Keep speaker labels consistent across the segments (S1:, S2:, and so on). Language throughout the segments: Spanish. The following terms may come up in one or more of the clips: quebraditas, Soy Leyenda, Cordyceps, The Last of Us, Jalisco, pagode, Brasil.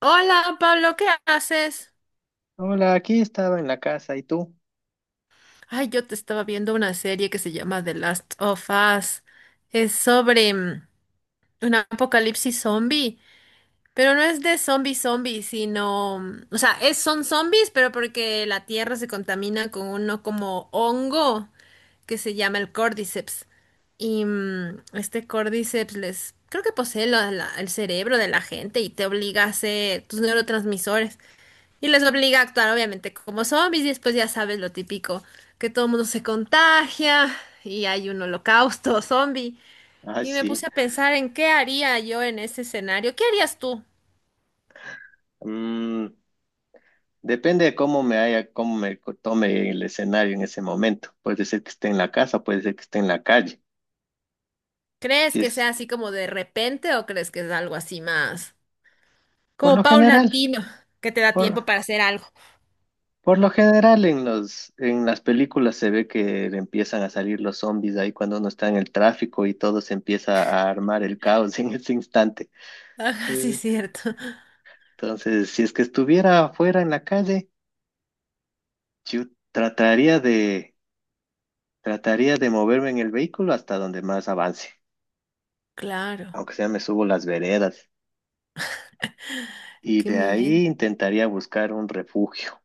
S1: Hola Pablo, ¿qué haces?
S2: Hola, aquí estaba en la casa, ¿y tú?
S1: Ay, yo te estaba viendo una serie que se llama The Last of Us. Es sobre un apocalipsis zombie, pero no es de zombie zombie, sino, o sea, es, son zombies, pero porque la tierra se contamina con uno como hongo que se llama el Cordyceps. Y este Cordyceps les, creo que posee el cerebro de la gente y te obliga a hacer tus neurotransmisores. Y les obliga a actuar, obviamente, como zombies. Y después ya sabes lo típico, que todo el mundo se contagia y hay un holocausto zombie.
S2: Ah,
S1: Y me
S2: sí.
S1: puse a pensar en qué haría yo en ese escenario. ¿Qué harías tú?
S2: Mm, Depende de cómo me haya, cómo tome el escenario en ese momento. Puede ser que esté en la casa, puede ser que esté en la calle.
S1: ¿Crees
S2: Si
S1: que
S2: es,
S1: sea así como de repente o crees que es algo así más
S2: por lo
S1: como
S2: general,
S1: paulatino, que te da tiempo
S2: por,
S1: para hacer algo?
S2: por lo general en en las películas se ve que empiezan a salir los zombies ahí cuando uno está en el tráfico y todo se empieza a armar el caos en ese instante.
S1: Ah, sí,
S2: Eh,
S1: cierto.
S2: Entonces, si es que estuviera afuera en la calle, yo trataría de trataría de moverme en el vehículo hasta donde más avance,
S1: Claro,
S2: aunque sea me subo las veredas, y
S1: qué
S2: de
S1: miedo.
S2: ahí intentaría buscar un refugio.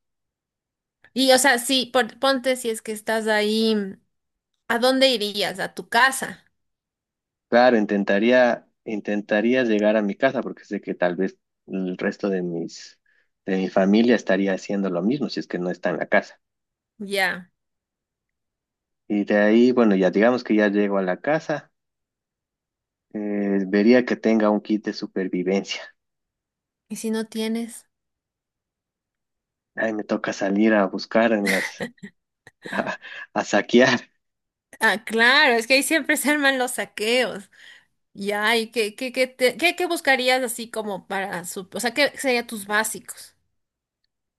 S1: Y o sea, sí, ponte si es que estás ahí, ¿a dónde irías? ¿A tu casa?
S2: Claro, intentaría llegar a mi casa porque sé que tal vez el resto de mi familia estaría haciendo lo mismo si es que no está en la casa.
S1: Ya.
S2: Y de ahí, bueno, ya digamos que ya llego a la casa, vería que tenga un kit de supervivencia.
S1: ¿Y si no tienes?
S2: Ahí me toca salir a buscar en a a saquear,
S1: Ah, claro, es que ahí siempre se arman los saqueos. Ya, ¿y qué buscarías así como para su... O sea, ¿qué serían tus básicos?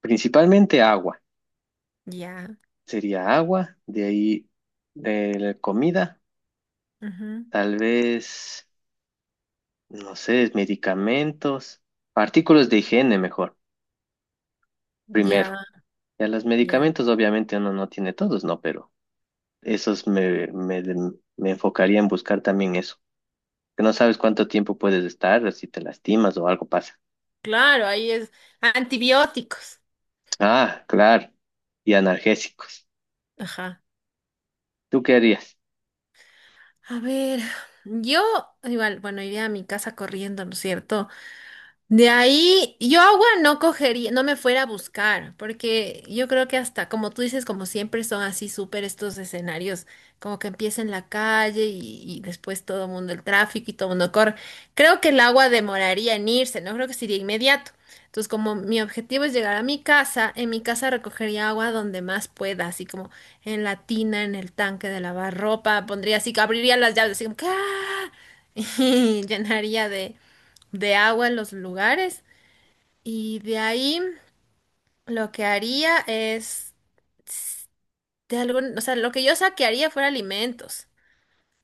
S2: principalmente agua.
S1: Ya,
S2: Sería agua, de ahí de la comida,
S1: ujú,
S2: tal vez, no sé, medicamentos, artículos de higiene mejor,
S1: ya,
S2: primero. Ya los
S1: ya.
S2: medicamentos obviamente uno no tiene todos, ¿no? Pero esos me, me, me enfocaría en buscar también eso, que no sabes cuánto tiempo puedes estar, si te lastimas o algo pasa.
S1: Claro, ahí es antibióticos.
S2: Ah, claro, y analgésicos.
S1: Ajá.
S2: ¿Tú qué harías?
S1: A ver, yo igual, bueno, iría a mi casa corriendo, ¿no es cierto? De ahí, yo agua no cogería, no me fuera a buscar, porque yo creo que hasta, como tú dices, como siempre son así súper estos escenarios, como que empieza en la calle y después todo el mundo, el tráfico y todo el mundo corre. Creo que el agua demoraría en irse, no creo que sería inmediato. Entonces, como mi objetivo es llegar a mi casa, en mi casa recogería agua donde más pueda, así como en la tina, en el tanque de lavar ropa, pondría así, que abriría las llaves, así como que ¡ah! y llenaría de agua en los lugares. Y de ahí lo que haría es, s- de algún, o sea, lo que yo saquearía fuera alimentos.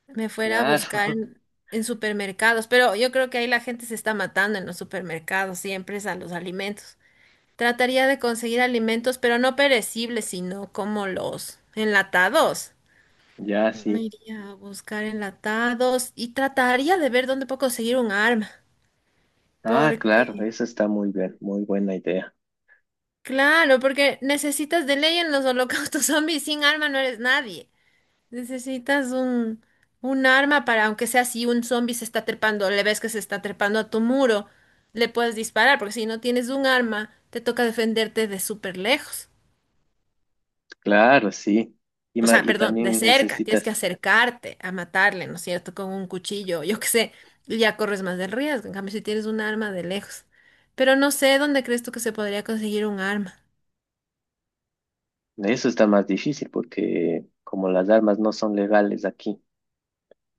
S1: Me fuera a buscar
S2: Claro.
S1: en supermercados, pero yo creo que ahí la gente se está matando en los supermercados, siempre es a los alimentos. Trataría de conseguir alimentos, pero no perecibles, sino como los enlatados.
S2: Ya,
S1: Me
S2: sí.
S1: iría a buscar enlatados y trataría de ver dónde puedo conseguir un arma,
S2: Ah, claro,
S1: porque
S2: eso está muy bien, muy buena idea.
S1: claro, porque necesitas de ley en los holocaustos zombies, sin arma no eres nadie. Necesitas un arma para, aunque sea si un zombie se está trepando, le ves que se está trepando a tu muro, le puedes disparar, porque si no tienes un arma, te toca defenderte de súper lejos.
S2: Claro, sí.
S1: O sea,
S2: Y
S1: perdón, de
S2: también
S1: cerca, tienes que
S2: necesitas...
S1: acercarte a matarle, ¿no es cierto? Con un cuchillo, yo qué sé, y ya corres más de riesgo. En cambio, si tienes un arma de lejos. Pero no sé dónde crees tú que se podría conseguir un arma.
S2: Eso está más difícil porque como las armas no son legales aquí,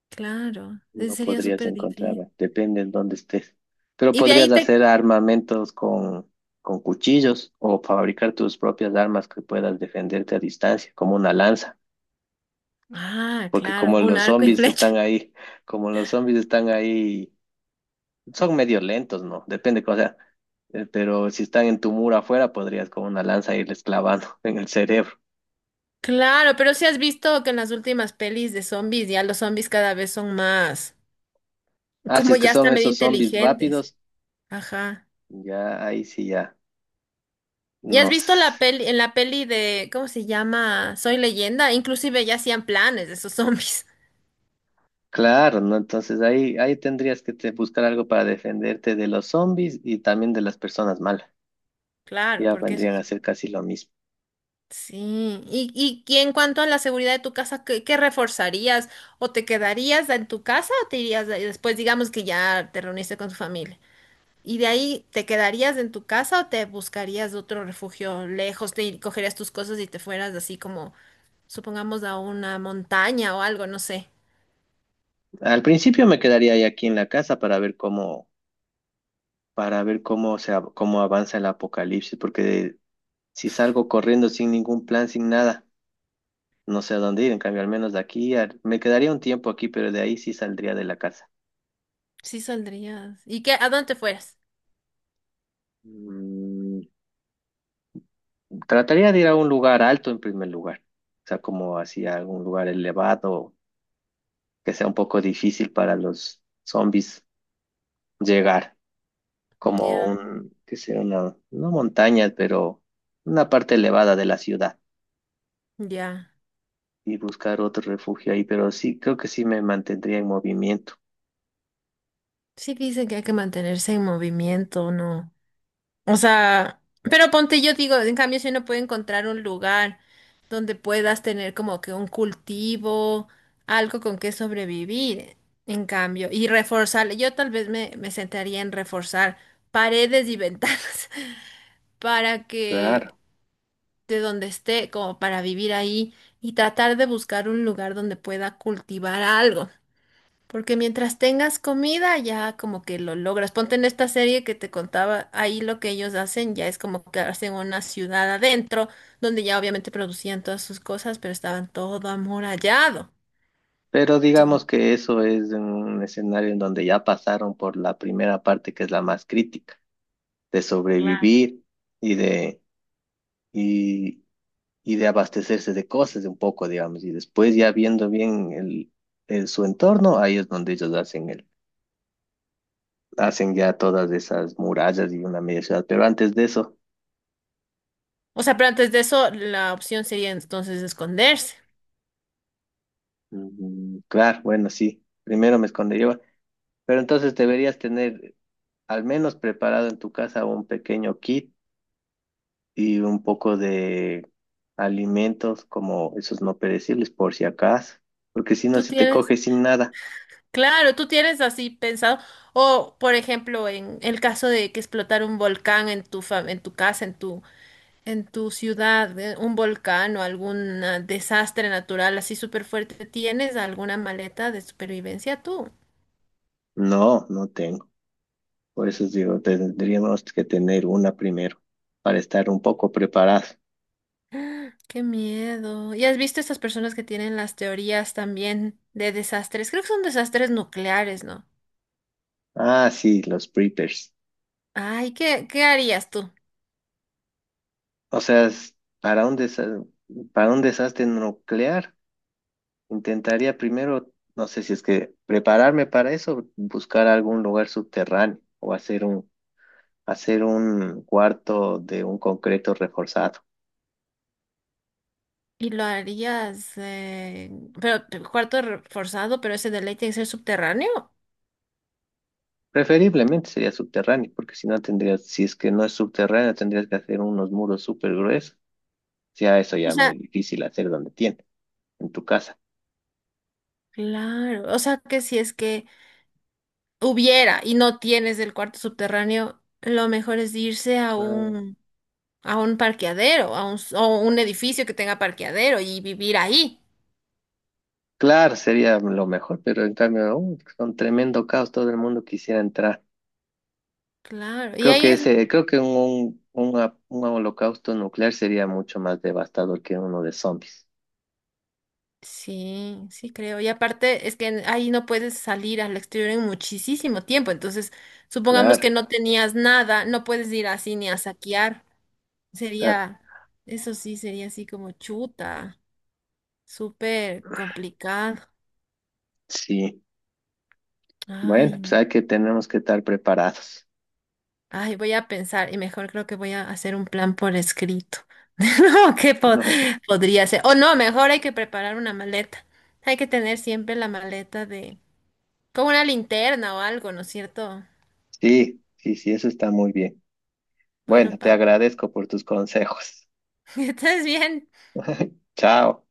S1: Claro, ese
S2: no
S1: sería
S2: podrías
S1: súper difícil.
S2: encontrarlas, depende en dónde estés. Pero
S1: Y de ahí
S2: podrías
S1: te...
S2: hacer armamentos con cuchillos, o fabricar tus propias armas que puedas defenderte a distancia, como una lanza,
S1: Ah,
S2: porque
S1: claro, un arco y flecha.
S2: como los zombies están ahí, son medio lentos, ¿no? Depende, o sea, pero si están en tu muro afuera, podrías con una lanza irles clavando en el cerebro.
S1: Claro, pero si has visto que en las últimas pelis de zombies ya los zombies cada vez son más,
S2: Ah, si
S1: como
S2: es que
S1: ya
S2: son
S1: están medio
S2: esos zombies
S1: inteligentes.
S2: rápidos,
S1: Ajá.
S2: ya ahí sí ya
S1: ¿Ya has visto
S2: nos...
S1: la peli, en la peli de, ¿cómo se llama? Soy Leyenda, inclusive ya hacían planes de esos zombies.
S2: Claro, ¿no? Entonces ahí, ahí tendrías que buscar algo para defenderte de los zombies y también de las personas malas.
S1: Claro,
S2: Ya
S1: porque eso...
S2: vendrían a ser casi lo mismo.
S1: Sí. Y en cuanto a la seguridad de tu casa, ¿ qué reforzarías? ¿O te quedarías en tu casa o te irías de- después, digamos que ya te reuniste con tu familia? ¿Y de ahí te quedarías en tu casa o te buscarías otro refugio lejos? ¿Te cogerías tus cosas y te fueras así como, supongamos, a una montaña o algo? No sé.
S2: Al principio me quedaría ahí aquí en la casa para ver cómo cómo avanza el apocalipsis, porque si salgo corriendo sin ningún plan, sin nada, no sé a dónde ir. En cambio, al menos de aquí, me quedaría un tiempo aquí, pero de ahí sí saldría de la casa.
S1: Sí saldrías. ¿Y qué? ¿A dónde te fueras?
S2: Mm, Trataría de ir a un lugar alto en primer lugar, o sea, como hacia algún lugar elevado que sea un poco difícil para los zombies llegar, como
S1: Ya,
S2: un, que sea una, no montaña, pero una parte elevada de la ciudad,
S1: ya.
S2: y buscar otro refugio ahí, pero sí, creo que sí me mantendría en movimiento,
S1: Sí dicen que hay que mantenerse en movimiento, ¿no? O sea, pero ponte, yo digo, en cambio, si uno puede encontrar un lugar donde puedas tener como que un cultivo, algo con que sobrevivir, en cambio, y reforzar, yo tal vez me sentaría en reforzar paredes y ventanas para que
S2: claro.
S1: de donde esté, como para vivir ahí y tratar de buscar un lugar donde pueda cultivar algo. Porque mientras tengas comida, ya como que lo logras. Ponte en esta serie que te contaba, ahí lo que ellos hacen ya es como que hacen una ciudad adentro, donde ya obviamente producían todas sus cosas, pero estaban todo amurallado.
S2: Pero
S1: Entonces,
S2: digamos que eso es un escenario en donde ya pasaron por la primera parte que es la más crítica, de
S1: claro.
S2: sobrevivir y de y de abastecerse de cosas de un poco, digamos, y después ya viendo bien su entorno, ahí es donde ellos hacen hacen ya todas esas murallas y una media ciudad. Pero antes de eso,
S1: O sea, pero antes de eso, la opción sería entonces esconderse.
S2: claro, bueno, sí, primero me escondería, pero entonces deberías tener al menos preparado en tu casa un pequeño kit y un poco de alimentos como esos no perecibles por si acaso, porque si no,
S1: Tú
S2: si te
S1: tienes,
S2: coges sin nada...
S1: claro, tú tienes así pensado. O, por ejemplo, en el caso de que explotar un volcán en tu en tu casa, en tu ciudad, un volcán o algún desastre natural así súper fuerte, ¿tienes alguna maleta de supervivencia tú?
S2: No, no tengo. Por eso os digo, tendríamos que tener una primero para estar un poco preparados.
S1: Qué miedo. ¿Y has visto estas personas que tienen las teorías también de desastres? Creo que son desastres nucleares, ¿no?
S2: Ah, sí, los preppers.
S1: Ay, ¿ qué harías tú?
S2: O sea, para un desa- para un desastre nuclear, intentaría primero, no sé si es que prepararme para eso, buscar algún lugar subterráneo o hacer hacer un cuarto de un concreto reforzado.
S1: Y lo harías, pero cuarto reforzado, pero ese de ley tiene que ser subterráneo.
S2: Preferiblemente sería subterráneo, porque si no tendrías, si es que no es subterráneo, tendrías que hacer unos muros súper gruesos. Ya eso ya
S1: O
S2: es
S1: sea,
S2: muy difícil hacer donde tiene... En tu casa.
S1: claro. O sea, que si es que hubiera y no tienes el cuarto subterráneo, lo mejor es irse
S2: Ah,
S1: a un parqueadero, o un edificio que tenga parqueadero y vivir ahí.
S2: claro, sería lo mejor, pero en cambio, son tremendo caos, todo el mundo quisiera entrar.
S1: Claro, y ahí es,
S2: Creo que un holocausto nuclear sería mucho más devastador que uno de zombies.
S1: sí, sí creo. Y aparte es que en- ahí no puedes salir al exterior en muchísimo tiempo. Entonces, supongamos
S2: Claro,
S1: que no tenías nada, no puedes ir así ni a saquear.
S2: claro,
S1: Sería, eso sí, sería así como chuta, súper complicado.
S2: sí. Bueno,
S1: Ay, no.
S2: tenemos que estar preparados.
S1: Ay, voy a pensar y mejor creo que voy a hacer un plan por escrito. No, ¿qué podría ser? O no, mejor hay que preparar una maleta. Hay que tener siempre la maleta de... con una linterna o algo, ¿no es cierto?
S2: Sí, sí, sí, eso está muy bien.
S1: Bueno,
S2: Bueno, te
S1: Pablo,
S2: agradezco por tus consejos.
S1: estás bien.
S2: Chao.